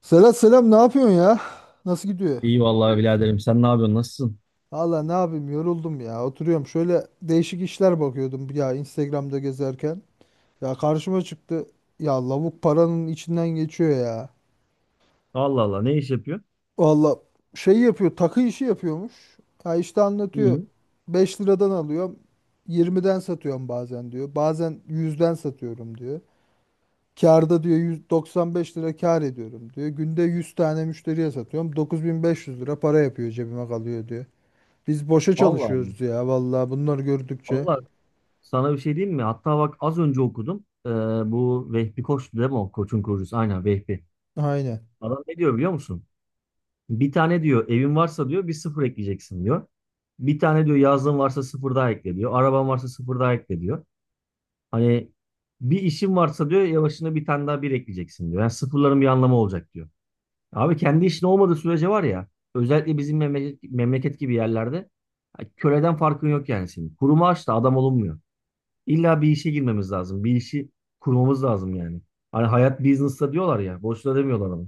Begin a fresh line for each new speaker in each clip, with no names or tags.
Selam selam, ne yapıyorsun ya? Nasıl gidiyor?
İyi vallahi biraderim. Sen ne yapıyorsun? Nasılsın?
Valla ne yapayım, yoruldum ya. Oturuyorum, şöyle değişik işler bakıyordum ya Instagram'da gezerken. Ya karşıma çıktı. Ya lavuk paranın içinden geçiyor ya.
Allah Allah, ne iş yapıyor?
Valla şey yapıyor, takı işi yapıyormuş. Ya işte anlatıyor.
İyi.
5 liradan alıyorum. 20'den satıyorum bazen diyor. Bazen 100'den satıyorum diyor. Kârda diyor, 195 lira kâr ediyorum diyor. Günde 100 tane müşteriye satıyorum. 9.500 lira para yapıyor, cebime kalıyor diyor. Biz boşa
Allah Allah.
çalışıyoruz ya vallahi, bunları gördükçe.
Allah, sana bir şey diyeyim mi? Hatta bak az önce okudum. Bu Vehbi Koç'tu değil mi o? Koç'un kurucusu. Aynen, Vehbi.
Aynen.
Adam ne diyor biliyor musun? Bir tane diyor evin varsa diyor bir sıfır ekleyeceksin diyor. Bir tane diyor yazlığın varsa sıfır daha ekle diyor. Araban varsa sıfır daha ekle diyor. Hani bir işin varsa diyor yavaşına bir tane daha bir ekleyeceksin diyor. Yani sıfırların bir anlamı olacak diyor. Abi kendi işin olmadığı sürece var ya, özellikle bizim memleket, memleket gibi yerlerde, ya köleden farkın yok yani senin. Kurumu aç da adam olunmuyor. İlla bir işe girmemiz lazım. Bir işi kurmamız lazım yani. Hani hayat business'ta diyorlar ya. Boşuna demiyorlar onu.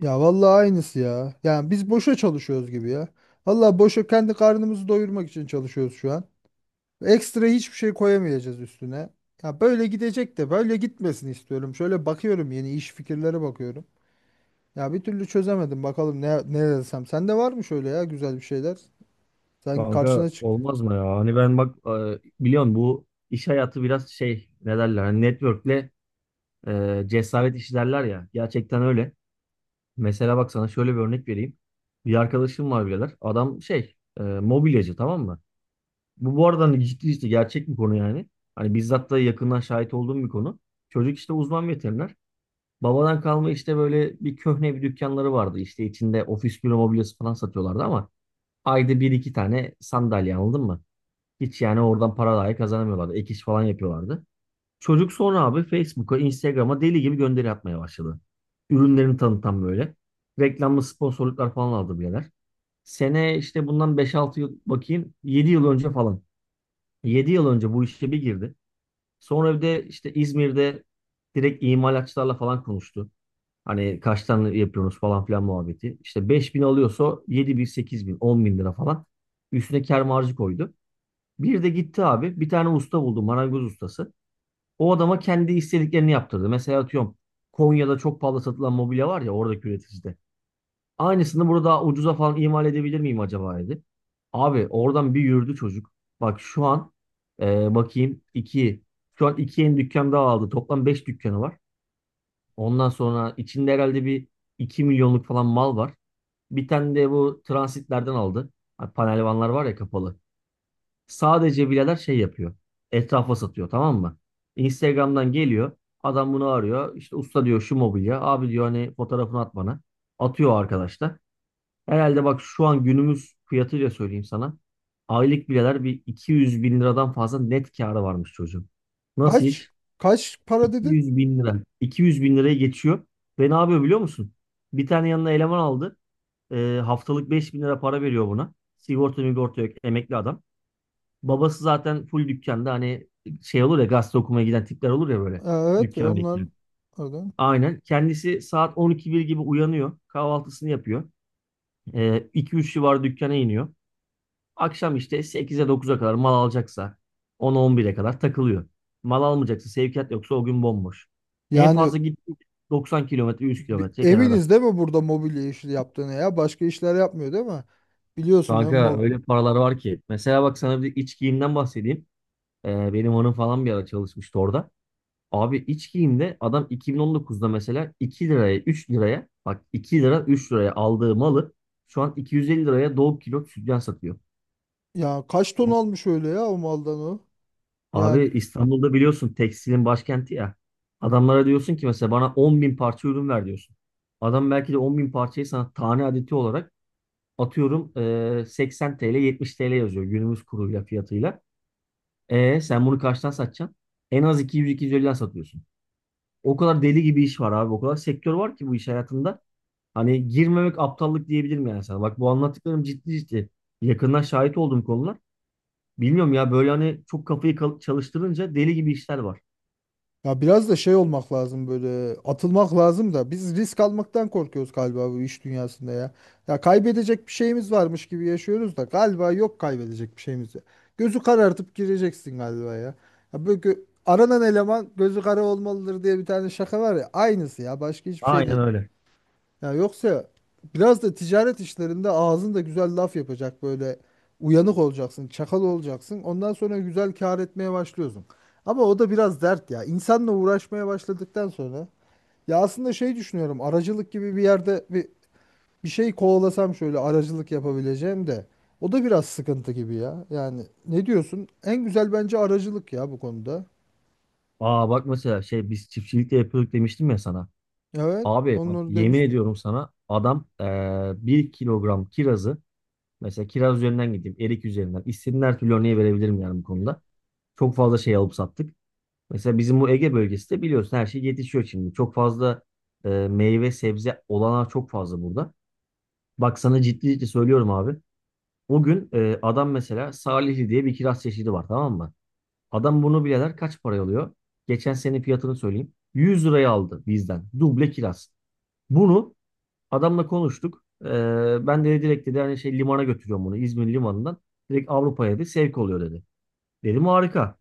Ya vallahi aynısı ya. Yani biz boşa çalışıyoruz gibi ya. Vallahi boşa kendi karnımızı doyurmak için çalışıyoruz şu an. Ekstra hiçbir şey koyamayacağız üstüne. Ya böyle gidecek de böyle gitmesini istiyorum. Şöyle bakıyorum, yeni iş fikirlere bakıyorum. Ya bir türlü çözemedim, bakalım ne desem. Sende var mı şöyle ya güzel bir şeyler? Sen
Kanka
karşına çık.
olmaz mı ya? Hani ben bak biliyorsun bu iş hayatı biraz şey, ne derler hani, network'le cesaret işi derler ya. Gerçekten öyle. Mesela bak sana şöyle bir örnek vereyim. Bir arkadaşım var birader. Adam şey mobilyacı, tamam mı? Bu arada hani ciddi işte, gerçek bir konu yani. Hani bizzat da yakından şahit olduğum bir konu. Çocuk işte uzman veteriner. Babadan kalma işte böyle bir köhne bir dükkanları vardı. İşte içinde ofis büro mobilyası falan satıyorlardı ama ayda bir iki tane sandalye, anladın mı? Hiç yani, oradan para dahi kazanamıyorlardı. Ek iş falan yapıyorlardı. Çocuk sonra abi Facebook'a, Instagram'a deli gibi gönderi atmaya başladı. Ürünlerini tanıtan böyle. Reklamlı sponsorluklar falan aldı birader. Sene işte bundan 5-6 yıl, bakayım, 7 yıl önce falan. 7 yıl önce bu işe bir girdi. Sonra bir de işte İzmir'de direkt imalatçılarla falan konuştu. Hani kaç tane yapıyoruz falan filan muhabbeti. İşte 5 bin alıyorsa 7 bin, 8 bin, 10 bin lira falan. Üstüne kâr marjı koydu. Bir de gitti abi bir tane usta buldu, marangoz ustası. O adama kendi istediklerini yaptırdı. Mesela atıyorum, Konya'da çok pahalı satılan mobilya var ya, oradaki üreticide. Aynısını burada daha ucuza falan imal edebilir miyim acaba dedi. Abi oradan bir yürüdü çocuk. Bak şu an, e, bakayım 2 Şu an 2 yeni dükkan daha aldı. Toplam 5 dükkanı var. Ondan sonra içinde herhalde bir 2 milyonluk falan mal var. Bir tane de bu transitlerden aldı. Hani panel vanlar var ya, kapalı. Sadece bileler şey yapıyor. Etrafa satıyor, tamam mı? Instagram'dan geliyor. Adam bunu arıyor. İşte usta diyor, şu mobilya. Abi diyor hani fotoğrafını at bana. Atıyor arkadaşlar. Herhalde bak, şu an günümüz fiyatıyla söyleyeyim sana. Aylık bileler bir 200 bin liradan fazla net kârı varmış çocuğun. Nasıl
Kaç?
iş?
Kaç para dedin?
200 bin lira. 200 bin liraya geçiyor. Ve ne yapıyor biliyor musun? Bir tane yanına eleman aldı. Haftalık 5 bin lira para veriyor buna. Sigorta migorta yok. Emekli adam. Babası zaten full dükkanda, hani şey olur ya, gazete okumaya giden tipler olur ya böyle.
Ha, evet,
Dükkan
onlar.
bekliyor.
Orada.
Aynen. Kendisi saat 12 gibi uyanıyor. Kahvaltısını yapıyor. 2-3 civarı dükkana iniyor. Akşam işte 8'e 9'a kadar mal alacaksa 10'a 11'e kadar takılıyor. Mal almayacaksa, sevkiyat yoksa, o gün bomboş. En
Yani.
fazla gitti 90 kilometre, 100 kilometre kenara.
Eminiz değil mi burada mobilya işi yaptığını ya? Başka işler yapmıyor değil mi? Biliyorsun değil mi?
Kanka öyle paralar var ki. Mesela bak sana bir iç giyimden bahsedeyim. Benim hanım falan bir ara çalışmıştı orada. Abi iç giyimde adam 2019'da mesela 2 liraya 3 liraya, bak 2 lira 3 liraya aldığı malı şu an 250 liraya Doğu Kilo sütyen satıyor.
Ya kaç ton almış öyle ya o maldan o?
Abi
Yani
İstanbul'da biliyorsun tekstilin başkenti ya. Adamlara diyorsun ki mesela bana 10 bin parça ürün ver diyorsun. Adam belki de 10 bin parçayı sana tane adeti olarak atıyorum 80 TL 70 TL yazıyor günümüz kuruyla, fiyatıyla. E sen bunu kaçtan satacaksın? En az 200-250'den satıyorsun. O kadar deli gibi iş var abi. O kadar sektör var ki bu iş hayatında. Hani girmemek aptallık diyebilirim yani sana. Bak bu anlattıklarım ciddi ciddi. Yakından şahit olduğum konular. Bilmiyorum ya, böyle hani çok kafayı çalıştırınca deli gibi işler var.
ya biraz da şey olmak lazım, böyle atılmak lazım da biz risk almaktan korkuyoruz galiba bu iş dünyasında ya. Ya kaybedecek bir şeyimiz varmış gibi yaşıyoruz da galiba yok kaybedecek bir şeyimiz ya. Gözü karartıp gireceksin galiba ya. Ya böyle aranan eleman gözü kara olmalıdır diye bir tane şaka var ya, aynısı ya, başka hiçbir şey
Aynen
değil.
öyle.
Ya yoksa biraz da ticaret işlerinde ağzında güzel laf yapacak, böyle uyanık olacaksın, çakal olacaksın. Ondan sonra güzel kâr etmeye başlıyorsun. Ama o da biraz dert ya. İnsanla uğraşmaya başladıktan sonra, ya aslında şey düşünüyorum. Aracılık gibi bir yerde bir şey kovalasam, şöyle aracılık yapabileceğim de o da biraz sıkıntı gibi ya. Yani ne diyorsun? En güzel bence aracılık ya bu konuda.
Aa bak mesela şey, biz çiftçilikte de yapıyorduk demiştim ya sana.
Evet,
Abi bak
onları
yemin
demiştim.
ediyorum sana, adam bir kilogram kirazı, mesela kiraz üzerinden gideyim, erik üzerinden istediğin her türlü örneği verebilirim yani bu konuda. Çok fazla şey alıp sattık. Mesela bizim bu Ege bölgesi de biliyorsun, her şey yetişiyor şimdi. Çok fazla meyve sebze olanağı çok fazla burada. Bak sana ciddi ciddi söylüyorum abi. O gün adam mesela Salihli diye bir kiraz çeşidi var, tamam mı? Adam bunu bile der, kaç paraya alıyor? Geçen sene fiyatını söyleyeyim. 100 liraya aldı bizden. Duble kiraz. Bunu adamla konuştuk. Ben de direkt, dedi, hani şey, limana götürüyorum bunu. İzmir limanından. Direkt Avrupa'ya, dedi. Sevk oluyor, dedi. Dedim harika.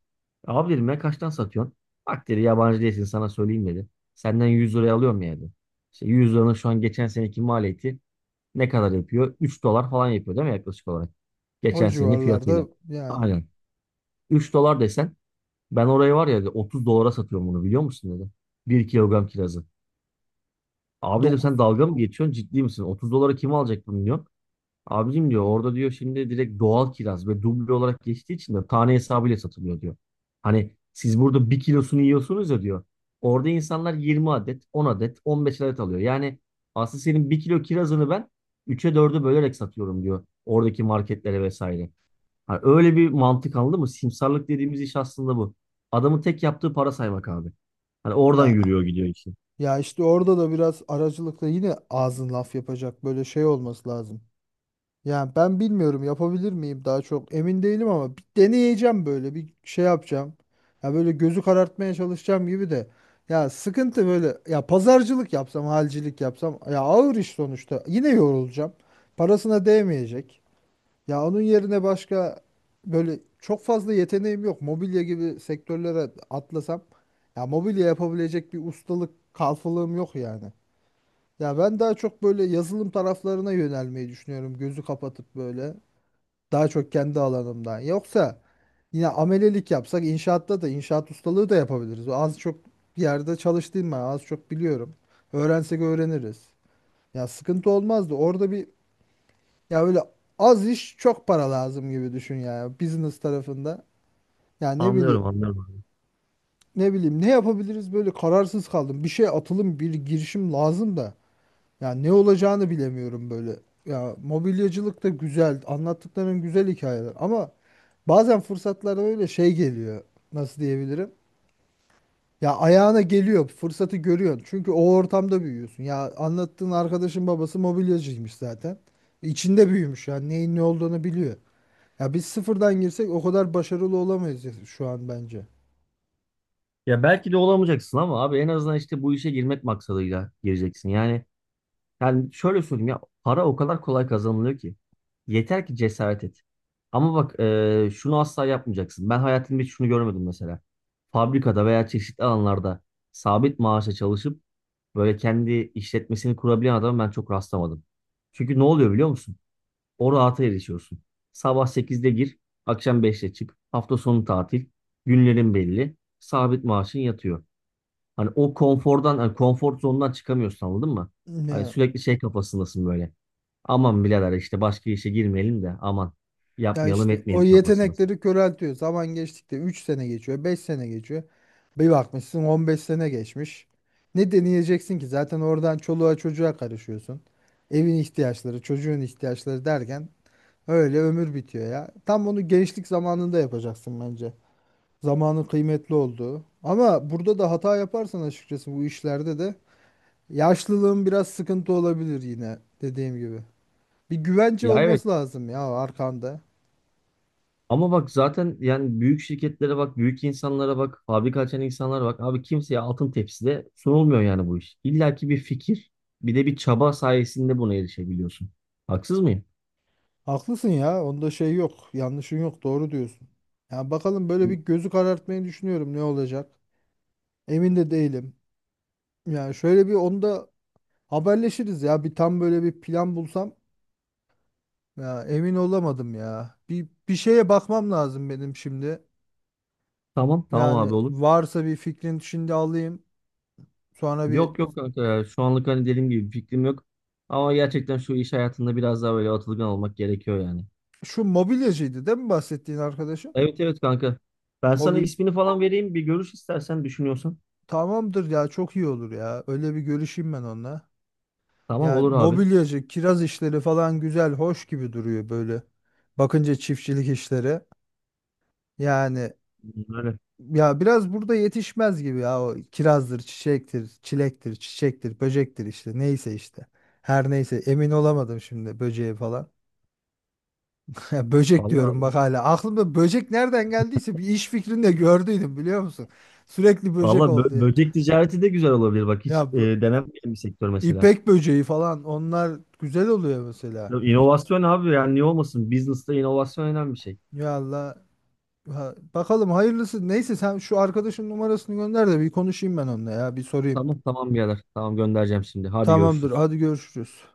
Abi dedim ya kaçtan satıyorsun? Bak dedi, yabancı değilsin sana söyleyeyim dedi. Senden 100 liraya alıyorum ya, dedi. İşte 100 liranın şu an geçen seneki maliyeti ne kadar yapıyor? 3 dolar falan yapıyor değil mi yaklaşık olarak?
O
Geçen senenin fiyatıyla.
civarlarda yani.
Aynen. 3 dolar desen, ben orayı var ya dedi, 30 dolara satıyorum bunu biliyor musun dedi. 1 kilogram kirazı. Abi dedim
Dokuz.
sen dalga mı geçiyorsun, ciddi misin? 30 dolara kim alacak bunu diyor. Abicim diyor, orada diyor şimdi direkt doğal kiraz ve duble olarak geçtiği için de tane hesabıyla satılıyor diyor. Hani siz burada bir kilosunu yiyorsunuz ya diyor. Orada insanlar 20 adet, 10 adet, 15 adet alıyor. Yani aslında senin bir kilo kirazını ben 3'e 4'e bölerek satıyorum diyor. Oradaki marketlere vesaire. Hani öyle bir mantık, anladın mı? Simsarlık dediğimiz iş aslında bu. Adamın tek yaptığı para saymak abi. Hani oradan
Ya
yürüyor gidiyor işi.
ya işte orada da biraz aracılıkla yine ağzın laf yapacak, böyle şey olması lazım. Yani ben bilmiyorum yapabilir miyim, daha çok emin değilim ama bir deneyeceğim, böyle bir şey yapacağım. Ya böyle gözü karartmaya çalışacağım gibi de. Ya sıkıntı böyle ya, pazarcılık yapsam halcilik yapsam ya ağır iş sonuçta, yine yorulacağım. Parasına değmeyecek. Ya onun yerine başka böyle çok fazla yeteneğim yok. Mobilya gibi sektörlere atlasam, ya mobilya yapabilecek bir ustalık kalfalığım yok yani. Ya ben daha çok böyle yazılım taraflarına yönelmeyi düşünüyorum. Gözü kapatıp böyle, daha çok kendi alanımdan. Yoksa yine amelelik yapsak inşaatta da, inşaat ustalığı da yapabiliriz. Az çok bir yerde çalıştığım, ben az çok biliyorum. Öğrensek öğreniriz. Ya sıkıntı olmazdı. Orada bir, ya öyle az iş çok para lazım gibi düşün ya, business tarafında. Ya ne
Anlıyorum,
bileyim,
anlıyorum abi.
ne bileyim ne yapabiliriz, böyle kararsız kaldım. Bir şey, atılım bir girişim lazım da. Ya ne olacağını bilemiyorum böyle. Ya mobilyacılık da güzel, anlattıkların güzel hikayeler ama bazen fırsatlar öyle şey geliyor, nasıl diyebilirim. Ya ayağına geliyor, fırsatı görüyorsun çünkü o ortamda büyüyorsun. Ya anlattığın arkadaşın babası mobilyacıymış zaten. İçinde büyümüş, yani neyin ne olduğunu biliyor. Ya biz sıfırdan girsek o kadar başarılı olamayız ya şu an bence.
Ya belki de olamayacaksın ama abi en azından işte bu işe girmek maksadıyla gireceksin. Yani şöyle söyleyeyim, ya para o kadar kolay kazanılıyor ki. Yeter ki cesaret et. Ama bak şunu asla yapmayacaksın. Ben hayatımda hiç şunu görmedim mesela. Fabrikada veya çeşitli alanlarda sabit maaşla çalışıp böyle kendi işletmesini kurabilen adama ben çok rastlamadım. Çünkü ne oluyor biliyor musun? O rahata erişiyorsun. Sabah 8'de gir, akşam 5'te çık. Hafta sonu tatil, günlerin belli, sabit maaşın yatıyor. Hani o konfordan, hani konfor zonundan çıkamıyorsun, anladın mı? Hani
Ya,
sürekli şey kafasındasın böyle. Aman birader, işte başka işe girmeyelim de, aman
ya
yapmayalım
işte o
etmeyelim kafasındasın.
yetenekleri köreltiyor. Zaman geçtikçe 3 sene geçiyor, 5 sene geçiyor. Bir bakmışsın 15 sene geçmiş. Ne deneyeceksin ki? Zaten oradan çoluğa çocuğa karışıyorsun. Evin ihtiyaçları, çocuğun ihtiyaçları derken öyle ömür bitiyor ya. Tam onu gençlik zamanında yapacaksın bence. Zamanın kıymetli olduğu. Ama burada da hata yaparsan, açıkçası bu işlerde de yaşlılığın biraz sıkıntı olabilir, yine dediğim gibi. Bir güvence
Ya evet,
olması lazım ya arkanda.
ama bak zaten yani, büyük şirketlere bak, büyük insanlara bak, fabrika açan insanlara bak. Abi kimseye altın tepside sunulmuyor yani bu iş. İlla ki bir fikir, bir de bir çaba sayesinde buna erişebiliyorsun. Haksız mıyım?
Haklısın ya, onda şey yok, yanlışın yok, doğru diyorsun. Ya bakalım, böyle bir gözü karartmayı düşünüyorum, ne olacak. Emin de değilim. Yani şöyle bir, onda haberleşiriz ya, bir tam böyle bir plan bulsam. Ya emin olamadım ya. Bir şeye bakmam lazım benim şimdi.
Tamam, tamam
Yani
abi, olur.
varsa bir fikrin şimdi alayım. Sonra bir.
Yok, yok kanka ya. Şu anlık hani dediğim gibi bir fikrim yok. Ama gerçekten şu iş hayatında biraz daha böyle atılgan olmak gerekiyor yani.
Şu mobilyacıydı değil mi bahsettiğin arkadaşım?
Evet, evet kanka. Ben sana
Mobil
ismini falan vereyim, bir görüş istersen, düşünüyorsan.
Tamamdır ya, çok iyi olur ya. Öyle bir görüşeyim ben onunla.
Tamam,
Ya
olur abi.
mobilyacı, kiraz işleri falan güzel, hoş gibi duruyor böyle. Bakınca çiftçilik işleri. Yani
Öyle.
ya biraz burada yetişmez gibi ya, o kirazdır, çiçektir, çilektir, çiçektir, böcektir, işte neyse işte. Her neyse, emin olamadım şimdi böceğe falan. Ya böcek diyorum
Vallahi,
bak hala. Aklımda böcek nereden geldiyse, bir iş fikrinde de gördüydüm, biliyor musun? Sürekli böcek
vallahi
oldu. Ya,
böcek ticareti de güzel olabilir, bak hiç
Ya bu-
denenmeyen bir sektör mesela.
İpek böceği falan onlar güzel oluyor mesela.
Ya, İnovasyon abi, yani niye olmasın? Business'ta inovasyon önemli bir şey.
Ya Allah, bakalım hayırlısı. Neyse, sen şu arkadaşın numarasını gönder de bir konuşayım ben onunla ya, bir sorayım.
Tamam, tamam birader. Tamam, göndereceğim şimdi. Hadi
Tamamdır,
görüşürüz.
hadi görüşürüz.